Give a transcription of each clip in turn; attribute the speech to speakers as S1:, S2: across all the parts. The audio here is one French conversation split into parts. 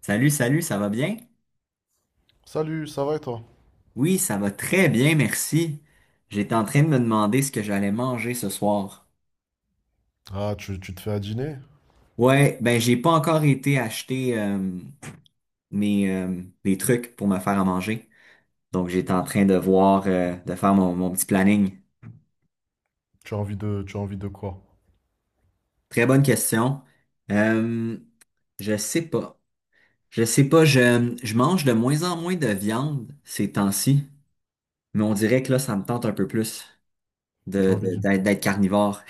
S1: Salut, salut, ça va bien?
S2: Salut, ça va et toi?
S1: Oui, ça va très bien, merci. J'étais en train de me demander ce que j'allais manger ce soir.
S2: Ah, tu te fais à dîner?
S1: Ouais, ben j'ai pas encore été acheter mes, mes trucs pour me faire à manger. Donc j'étais en train de voir, de faire mon petit planning.
S2: Tu as envie de quoi?
S1: Très bonne question. Euh, je sais pas. Je sais pas, je mange de moins en moins de viande ces temps-ci, mais on dirait que là, ça me tente un peu plus
S2: Tu
S1: de,
S2: as envie d'une...
S1: d'être carnivore.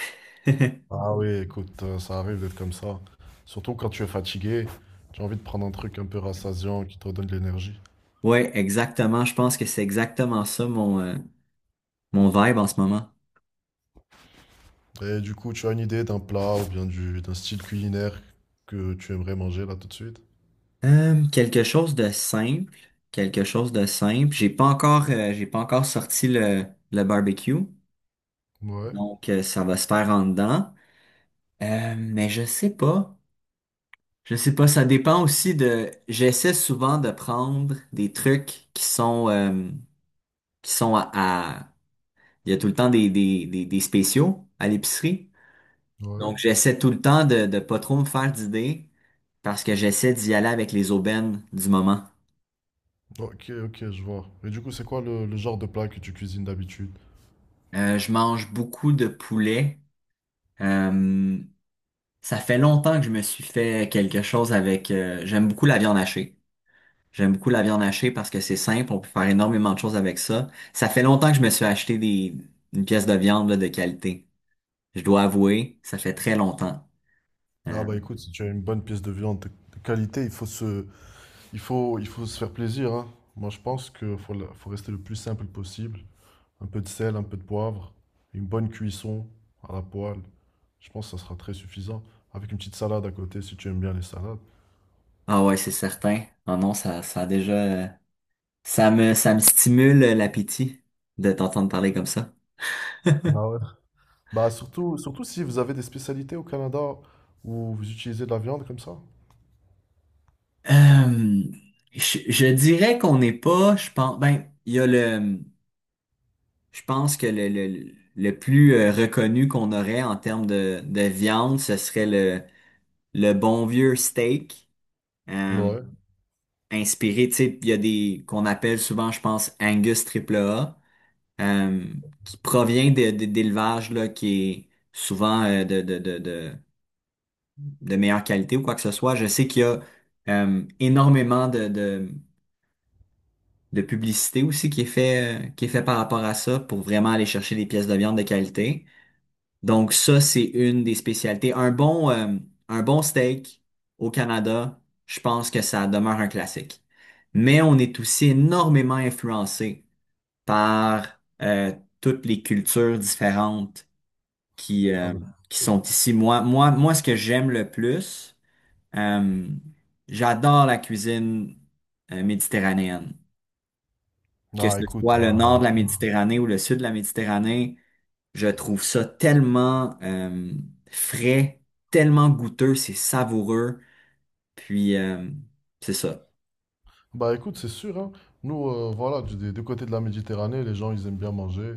S2: Ah oui, écoute, ça arrive d'être comme ça. Surtout quand tu es fatigué, tu as envie de prendre un truc un peu rassasiant qui te donne de l'énergie.
S1: Ouais, exactement. Je pense que c'est exactement ça mon, mon vibe en ce moment.
S2: Et du coup, tu as une idée d'un plat ou bien du, d'un style culinaire que tu aimerais manger là tout de suite?
S1: Quelque chose de simple. Quelque chose de simple. J'ai pas encore sorti le barbecue.
S2: Ouais,
S1: Donc, ça va se faire en dedans. Mais je sais pas. Je sais pas. Ça dépend aussi de. J'essaie souvent de prendre des trucs qui sont à, à- il y a tout le temps des spéciaux à l'épicerie.
S2: ouais.
S1: Donc, j'essaie tout le temps de pas trop me faire d'idées parce que j'essaie d'y aller avec les aubaines du moment.
S2: Ok, ok, je vois. Et du coup, c'est quoi le genre de plat que tu cuisines d'habitude?
S1: Je mange beaucoup de poulet. Euh, ça fait longtemps que je me suis fait quelque chose avec… j'aime beaucoup la viande hachée. J'aime beaucoup la viande hachée parce que c'est simple, on peut faire énormément de choses avec ça. Ça fait longtemps que je me suis acheté des, une pièce de viande là, de qualité. Je dois avouer, ça fait très longtemps.
S2: Ah
S1: Euh,
S2: bah écoute, si tu as une bonne pièce de viande de qualité, il faut se, Il faut se faire plaisir, hein. Moi, je pense qu'il faut, la- faut rester le plus simple possible. Un peu de sel, un peu de poivre, une bonne cuisson à la poêle. Je pense que ça sera très suffisant. Avec une petite salade à côté, si tu aimes bien les salades.
S1: ah ouais, c'est certain. Ah non, ça a déjà… ça me stimule l'appétit de t'entendre parler comme ça.
S2: Ah ouais. Bah, surtout si vous avez des spécialités au Canada où vous utilisez de la viande comme ça.
S1: Euh, je dirais qu'on n'est pas, je pense, ben, il y a le, je pense que le plus reconnu qu'on aurait en termes de viande, ce serait le bon vieux steak, euh,
S2: Ouais.
S1: inspiré, tu sais, il y a des, qu'on appelle souvent, je pense, Angus triple A, euh, qui provient de, d'élevage, là, qui est souvent de meilleure qualité ou quoi que ce soit. Je sais qu'il y a énormément de publicité aussi qui est fait par rapport à ça pour vraiment aller chercher des pièces de viande de qualité. Donc ça, c'est une des spécialités. Un bon steak au Canada, je pense que ça demeure un classique. Mais on est aussi énormément influencé par toutes les cultures différentes qui,
S2: Ah,
S1: euh,
S2: bah.
S1: qui sont ici. Moi, ce que j'aime le plus, Euh, j'adore la cuisine méditerranéenne. Que
S2: Ah,
S1: ce
S2: écoute,
S1: soit le
S2: bah.
S1: nord de la Méditerranée ou le sud de la Méditerranée, je trouve ça tellement frais, tellement goûteux, c'est savoureux. Puis, c'est ça.
S2: Bah écoute, c'est sûr, hein. Nous, voilà, du, des deux côtés de la Méditerranée, les gens, ils aiment bien manger.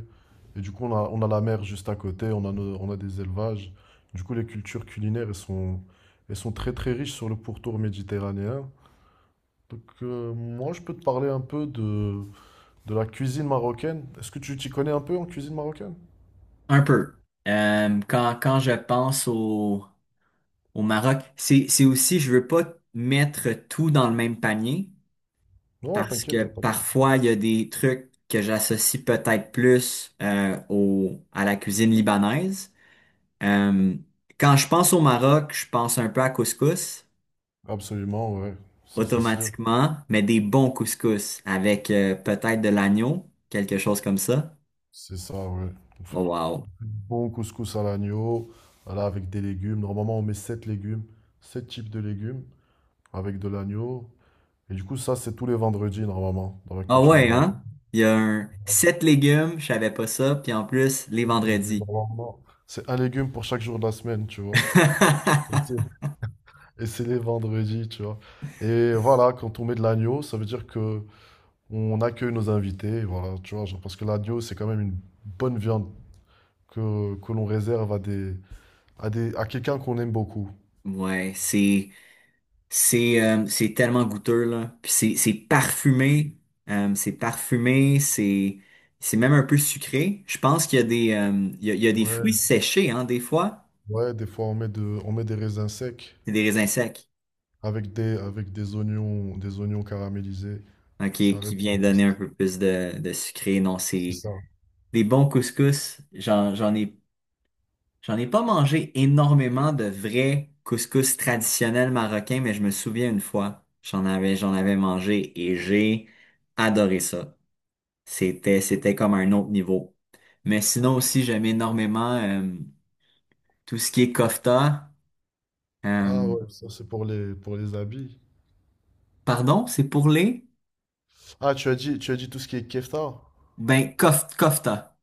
S2: Et du coup, on a la mer juste à côté, on a, nos- on a des élevages. Du coup, les cultures culinaires, elles sont très très riches sur le pourtour méditerranéen. Donc, moi, je peux te parler un peu de la cuisine marocaine. Est-ce que tu t'y connais un peu en cuisine marocaine?
S1: Un peu. Quand je pense au, au Maroc, c'est aussi, je veux pas mettre tout dans le même panier.
S2: Non,
S1: Parce
S2: t'inquiète,
S1: que
S2: y a pas de souci.
S1: parfois, il y a des trucs que j'associe peut-être plus au, à la cuisine libanaise. Euh, quand je pense au Maroc, je pense un peu à couscous,
S2: Absolument, ouais. Ça, c'est sûr.
S1: automatiquement, mais des bons couscous avec peut-être de l'agneau, quelque chose comme ça.
S2: C'est ça, ouais. On
S1: Oh
S2: fait-
S1: wow.
S2: Bon couscous à l'agneau, voilà, avec des légumes. Normalement, on met 7 légumes, 7 types de légumes avec de l'agneau. Et du coup, ça, c'est tous les vendredis, normalement, dans la
S1: Ah
S2: culture
S1: ouais,
S2: marocaine.
S1: hein? Il y a un sept légumes, je savais pas ça, puis en plus, les
S2: 7 légumes,
S1: vendredis.
S2: normalement. C'est un légume pour chaque jour de la semaine, tu vois. Ok. Et c'est les vendredis, tu vois. Et voilà, quand on met de l'agneau, ça veut dire que on accueille nos invités, voilà, tu vois, genre, parce que l'agneau, c'est quand même une bonne viande que l'on réserve à des, à des, à quelqu'un qu'on aime beaucoup.
S1: Ouais, c'est c'est tellement goûteux, là. Puis c'est parfumé. C'est parfumé. C'est même un peu sucré. Je pense qu'il y a des, il y a des fruits
S2: Ouais.
S1: séchés, hein, des fois.
S2: Ouais, des fois on met de, on met des raisins secs
S1: C'est des raisins secs,
S2: avec des oignons caramélisés.
S1: hein,
S2: Ça
S1: qui
S2: répond.
S1: vient donner un peu plus de sucré. Non,
S2: C'est
S1: c'est
S2: ça.
S1: des bons couscous. J'en ai pas mangé énormément de vrais couscous traditionnels marocains, mais je me souviens une fois, j'en avais mangé et j'ai adoré ça. C'était, c'était comme un autre niveau. Mais sinon aussi, j'aime énormément tout ce qui est kofta. Euh,
S2: Ah ouais, ça c'est pour les habits.
S1: pardon, c'est pour les?
S2: Ah, tu as dit tout ce qui est kefta?
S1: Ben, kofta.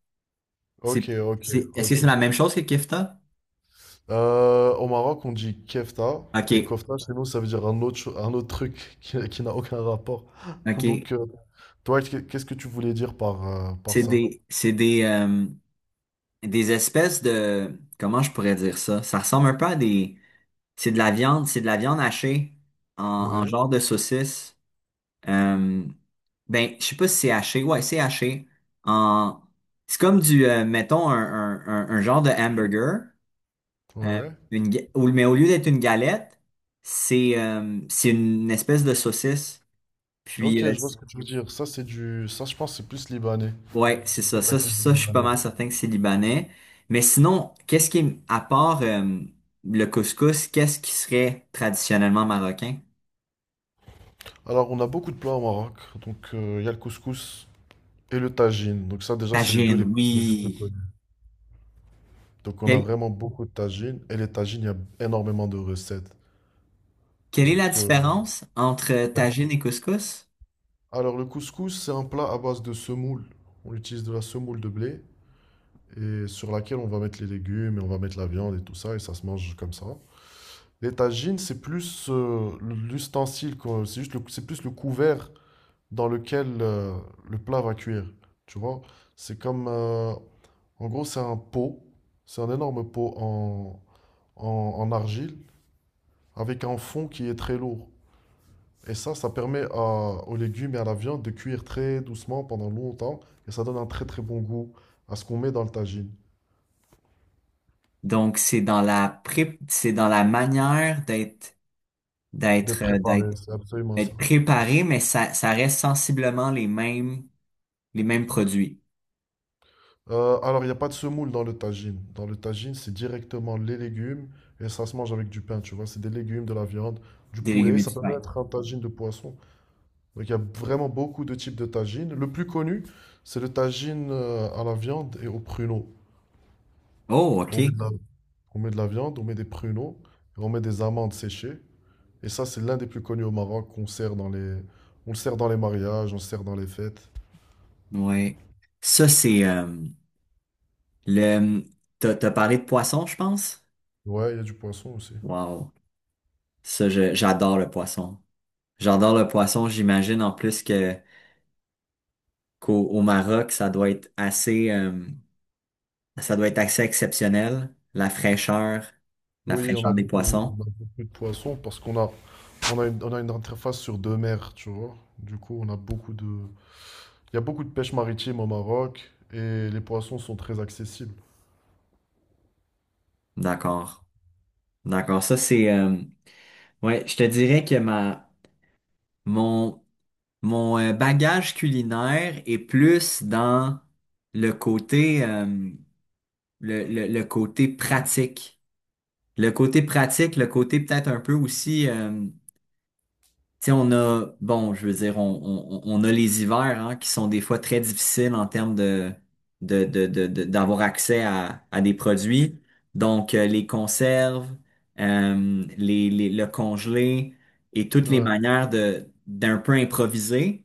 S2: Ok,
S1: C'est,
S2: ok,
S1: c'est, est-ce que
S2: ok.
S1: c'est la même chose que kefta?
S2: Au Maroc, on dit kefta et
S1: OK,
S2: kofta chez nous, ça veut dire un autre, cho- un autre truc qui n'a aucun rapport.
S1: OK.
S2: Donc, toi, qu'est- qu'est-ce que tu voulais dire par, par ça?
S1: C'est des espèces de… Comment je pourrais dire ça? Ça ressemble un peu à des… C'est de la viande, c'est de la viande hachée en, en
S2: Oui.
S1: genre de saucisse. Euh, ben, je sais pas si c'est haché. Ouais, c'est haché. En… C'est comme du, mettons, un, un genre de hamburger,
S2: Ouais,
S1: euh,
S2: ouais.
S1: une, mais au lieu d'être une galette, c'est une espèce de saucisse.
S2: Ok,
S1: Puis,
S2: je vois ce que tu veux dire. Ça, c'est du. Ça, je pense, que c'est plus libanais.
S1: ouais, c'est
S2: C'est plus
S1: ça.
S2: la cuisine
S1: Je suis pas
S2: libanaise.
S1: mal certain que c'est libanais. Mais sinon, à part le couscous, qu'est-ce qui serait traditionnellement marocain?
S2: Alors, on a beaucoup de plats au Maroc. Donc, il y a le couscous et le tagine. Donc, ça, déjà, c'est les deux
S1: Tagine,
S2: les plus
S1: oui.
S2: connus. Donc, on a
S1: Quelle,
S2: vraiment beaucoup de tagines. Et les tagines, il y a énormément de recettes.
S1: quelle est la
S2: Donc, euh,
S1: différence entre tagine et couscous?
S2: alors, le couscous, c'est un plat à base de semoule. On utilise de la semoule de blé et sur laquelle on va mettre les légumes et on va mettre la viande et tout ça. Et ça se mange comme ça. Les tagines, c'est plus l'ustensile, quoi. C'est juste le- c'est plus le couvert dans lequel le plat va cuire. Tu vois? C'est comme, en gros, c'est un pot. C'est un énorme pot en, en- en argile avec un fond qui est très lourd. Et ça permet à- aux légumes et à la viande de cuire très doucement pendant longtemps. Et ça donne un très très bon goût à ce qu'on met dans le tagine.
S1: Donc, c'est dans la c'est dans la manière d'être,
S2: D'être
S1: d'être, euh, d'être,
S2: préparé, c'est absolument ça.
S1: d'être préparé, mais ça reste sensiblement les mêmes produits
S2: Alors, il n'y a pas de semoule dans le tagine. Dans le tagine, c'est directement les légumes et ça se mange avec du pain, tu vois. C'est des légumes, de la viande, du
S1: des légumes
S2: poulet.
S1: et
S2: Ça
S1: du
S2: peut
S1: pain.
S2: même être un tagine de poisson. Donc il y a vraiment beaucoup de types de tagines. Le plus connu, c'est le tagine à la viande et aux pruneaux.
S1: Oh,
S2: On met
S1: OK.
S2: de la, on met de la viande, on met des pruneaux, et on met des amandes séchées. Et ça, c'est l'un des plus connus au Maroc qu'on sert dans les, on le sert dans les mariages, on le sert dans les fêtes.
S1: Ouais. Ça, c'est, le, t'as parlé de poisson, je pense?
S2: Ouais, il y a du poisson aussi.
S1: Wow. Ça, j'adore le poisson. J'adore le poisson. J'imagine en plus que, qu'au au Maroc, ça doit être assez, ça doit être assez exceptionnel, la
S2: Oui, on a
S1: fraîcheur des
S2: beaucoup,
S1: poissons.
S2: on a beaucoup de poissons parce qu'on a, on a une interface sur deux mers, tu vois. Du coup, on a beaucoup de, il y a beaucoup de pêche maritime au Maroc et les poissons sont très accessibles.
S1: D'accord. D'accord. Ça, c'est… ouais, je te dirais que ma… mon, mon bagage culinaire est plus dans le côté, le côté pratique. Le côté pratique, le côté peut-être un peu aussi… tu sais, on a, bon, je veux dire, on a les hivers hein, qui sont des fois très difficiles en termes de, d'avoir accès à des produits. Donc, les conserves, le congelé et toutes les
S2: Ouais,
S1: manières de, d'un peu improviser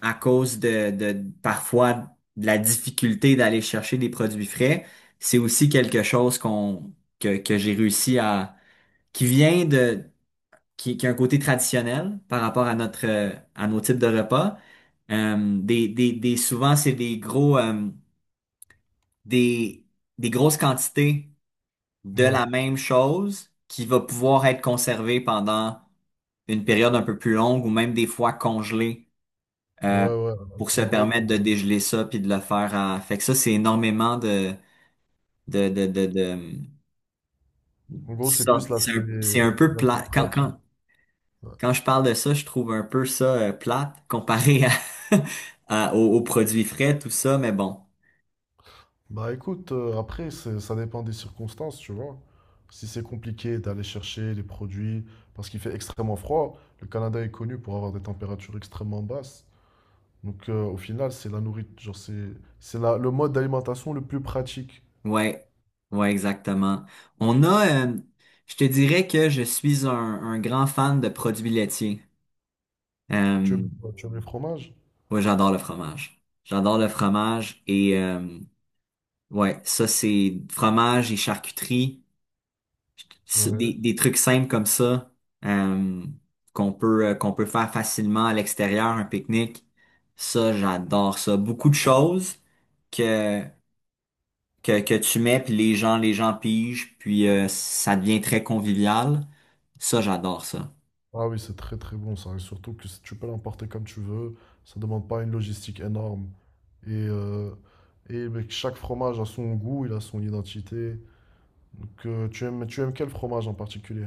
S1: à cause de parfois de la difficulté d'aller chercher des produits frais. C'est aussi quelque chose qu'on, que j'ai réussi à, qui vient de qui a un côté traditionnel par rapport à notre à nos types de repas. Des souvent c'est des gros des, des grosses quantités de
S2: ouais,
S1: la même chose qui va pouvoir être conservée pendant une période un peu plus longue ou même des fois congelée
S2: ouais,
S1: euh,
S2: ouais.
S1: pour se
S2: En gros,
S1: permettre
S2: pour-
S1: de dégeler ça puis de le faire à… Fait que ça, c'est énormément de de de de, de-
S2: en gros, c'est plus
S1: sorte- c'est
S2: l'aspect
S1: un, c'est un peu
S2: l'aspect
S1: plat.
S2: pratique. Ouais.
S1: Quand je parle de ça, je trouve un peu ça plate comparé à, aux, aux produits frais, tout ça, mais bon.
S2: Bah écoute, après, c'est- ça dépend des circonstances, tu vois. Si c'est compliqué d'aller chercher les produits, parce qu'il fait extrêmement froid, le Canada est connu pour avoir des températures extrêmement basses. Donc au final, c'est la nourriture, genre c'est la- le mode d'alimentation le plus pratique.
S1: Ouais, ouais, exactement. On a, je te dirais que je suis un grand fan de produits laitiers.
S2: Tu
S1: Euh,
S2: aimes, tu aimes les fromages?
S1: ouais, j'adore le fromage. J'adore le fromage et ouais, ça c'est fromage et charcuterie. Des trucs simples comme ça euh, qu'on peut faire facilement à l'extérieur, un pique-nique. Ça, j'adore ça. Beaucoup de choses que que tu mets puis les gens pigent puis ça devient très convivial. Ça, j'adore ça.
S2: Ah oui, c'est très très bon ça. Et surtout que si tu peux l'emporter comme tu veux, ça ne demande pas une logistique énorme. Et, euh, et mec, chaque fromage a son goût, il a son identité. Donc, tu aimes quel fromage en particulier?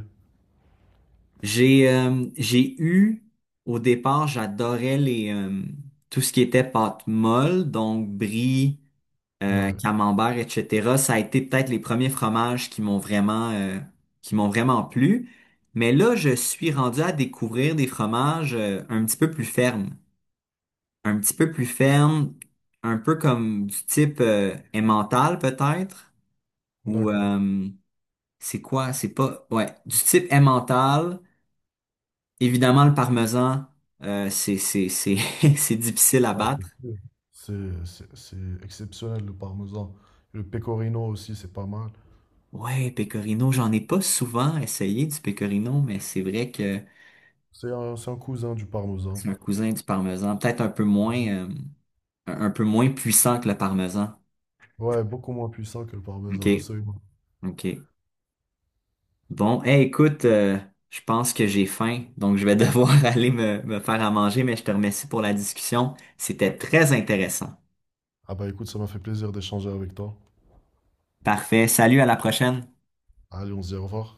S1: J'ai eu au départ, j'adorais les tout ce qui était pâte molle, donc brie,
S2: Ouais,
S1: camembert, etc. Ça a été peut-être les premiers fromages qui m'ont vraiment plu. Mais là, je suis rendu à découvrir des fromages un petit peu plus fermes. Un petit peu plus fermes, un peu comme du type emmental peut-être. Ou
S2: d'accord.
S1: c'est quoi? C'est pas… Ouais, du type emmental. Évidemment, le parmesan, c'est, c'est difficile à
S2: Ah, c'est
S1: battre.
S2: sûr. C'est exceptionnel le parmesan. Le pecorino aussi, c'est pas mal.
S1: Ouais, pecorino, j'en ai pas souvent essayé du pecorino, mais c'est vrai que…
S2: C'est un cousin du parmesan.
S1: C'est un cousin du parmesan. Peut-être un peu moins, un peu moins puissant que le parmesan.
S2: Ouais, beaucoup moins puissant que le parmesan,
S1: OK.
S2: absolument.
S1: OK. Bon, eh écoute, je pense que j'ai faim, donc je vais devoir aller me, me faire à manger, mais je te remercie pour la discussion. C'était très intéressant.
S2: Ah bah écoute, ça m'a fait plaisir d'échanger avec toi.
S1: Parfait. Salut, à la prochaine.
S2: Allez, on se dit au revoir.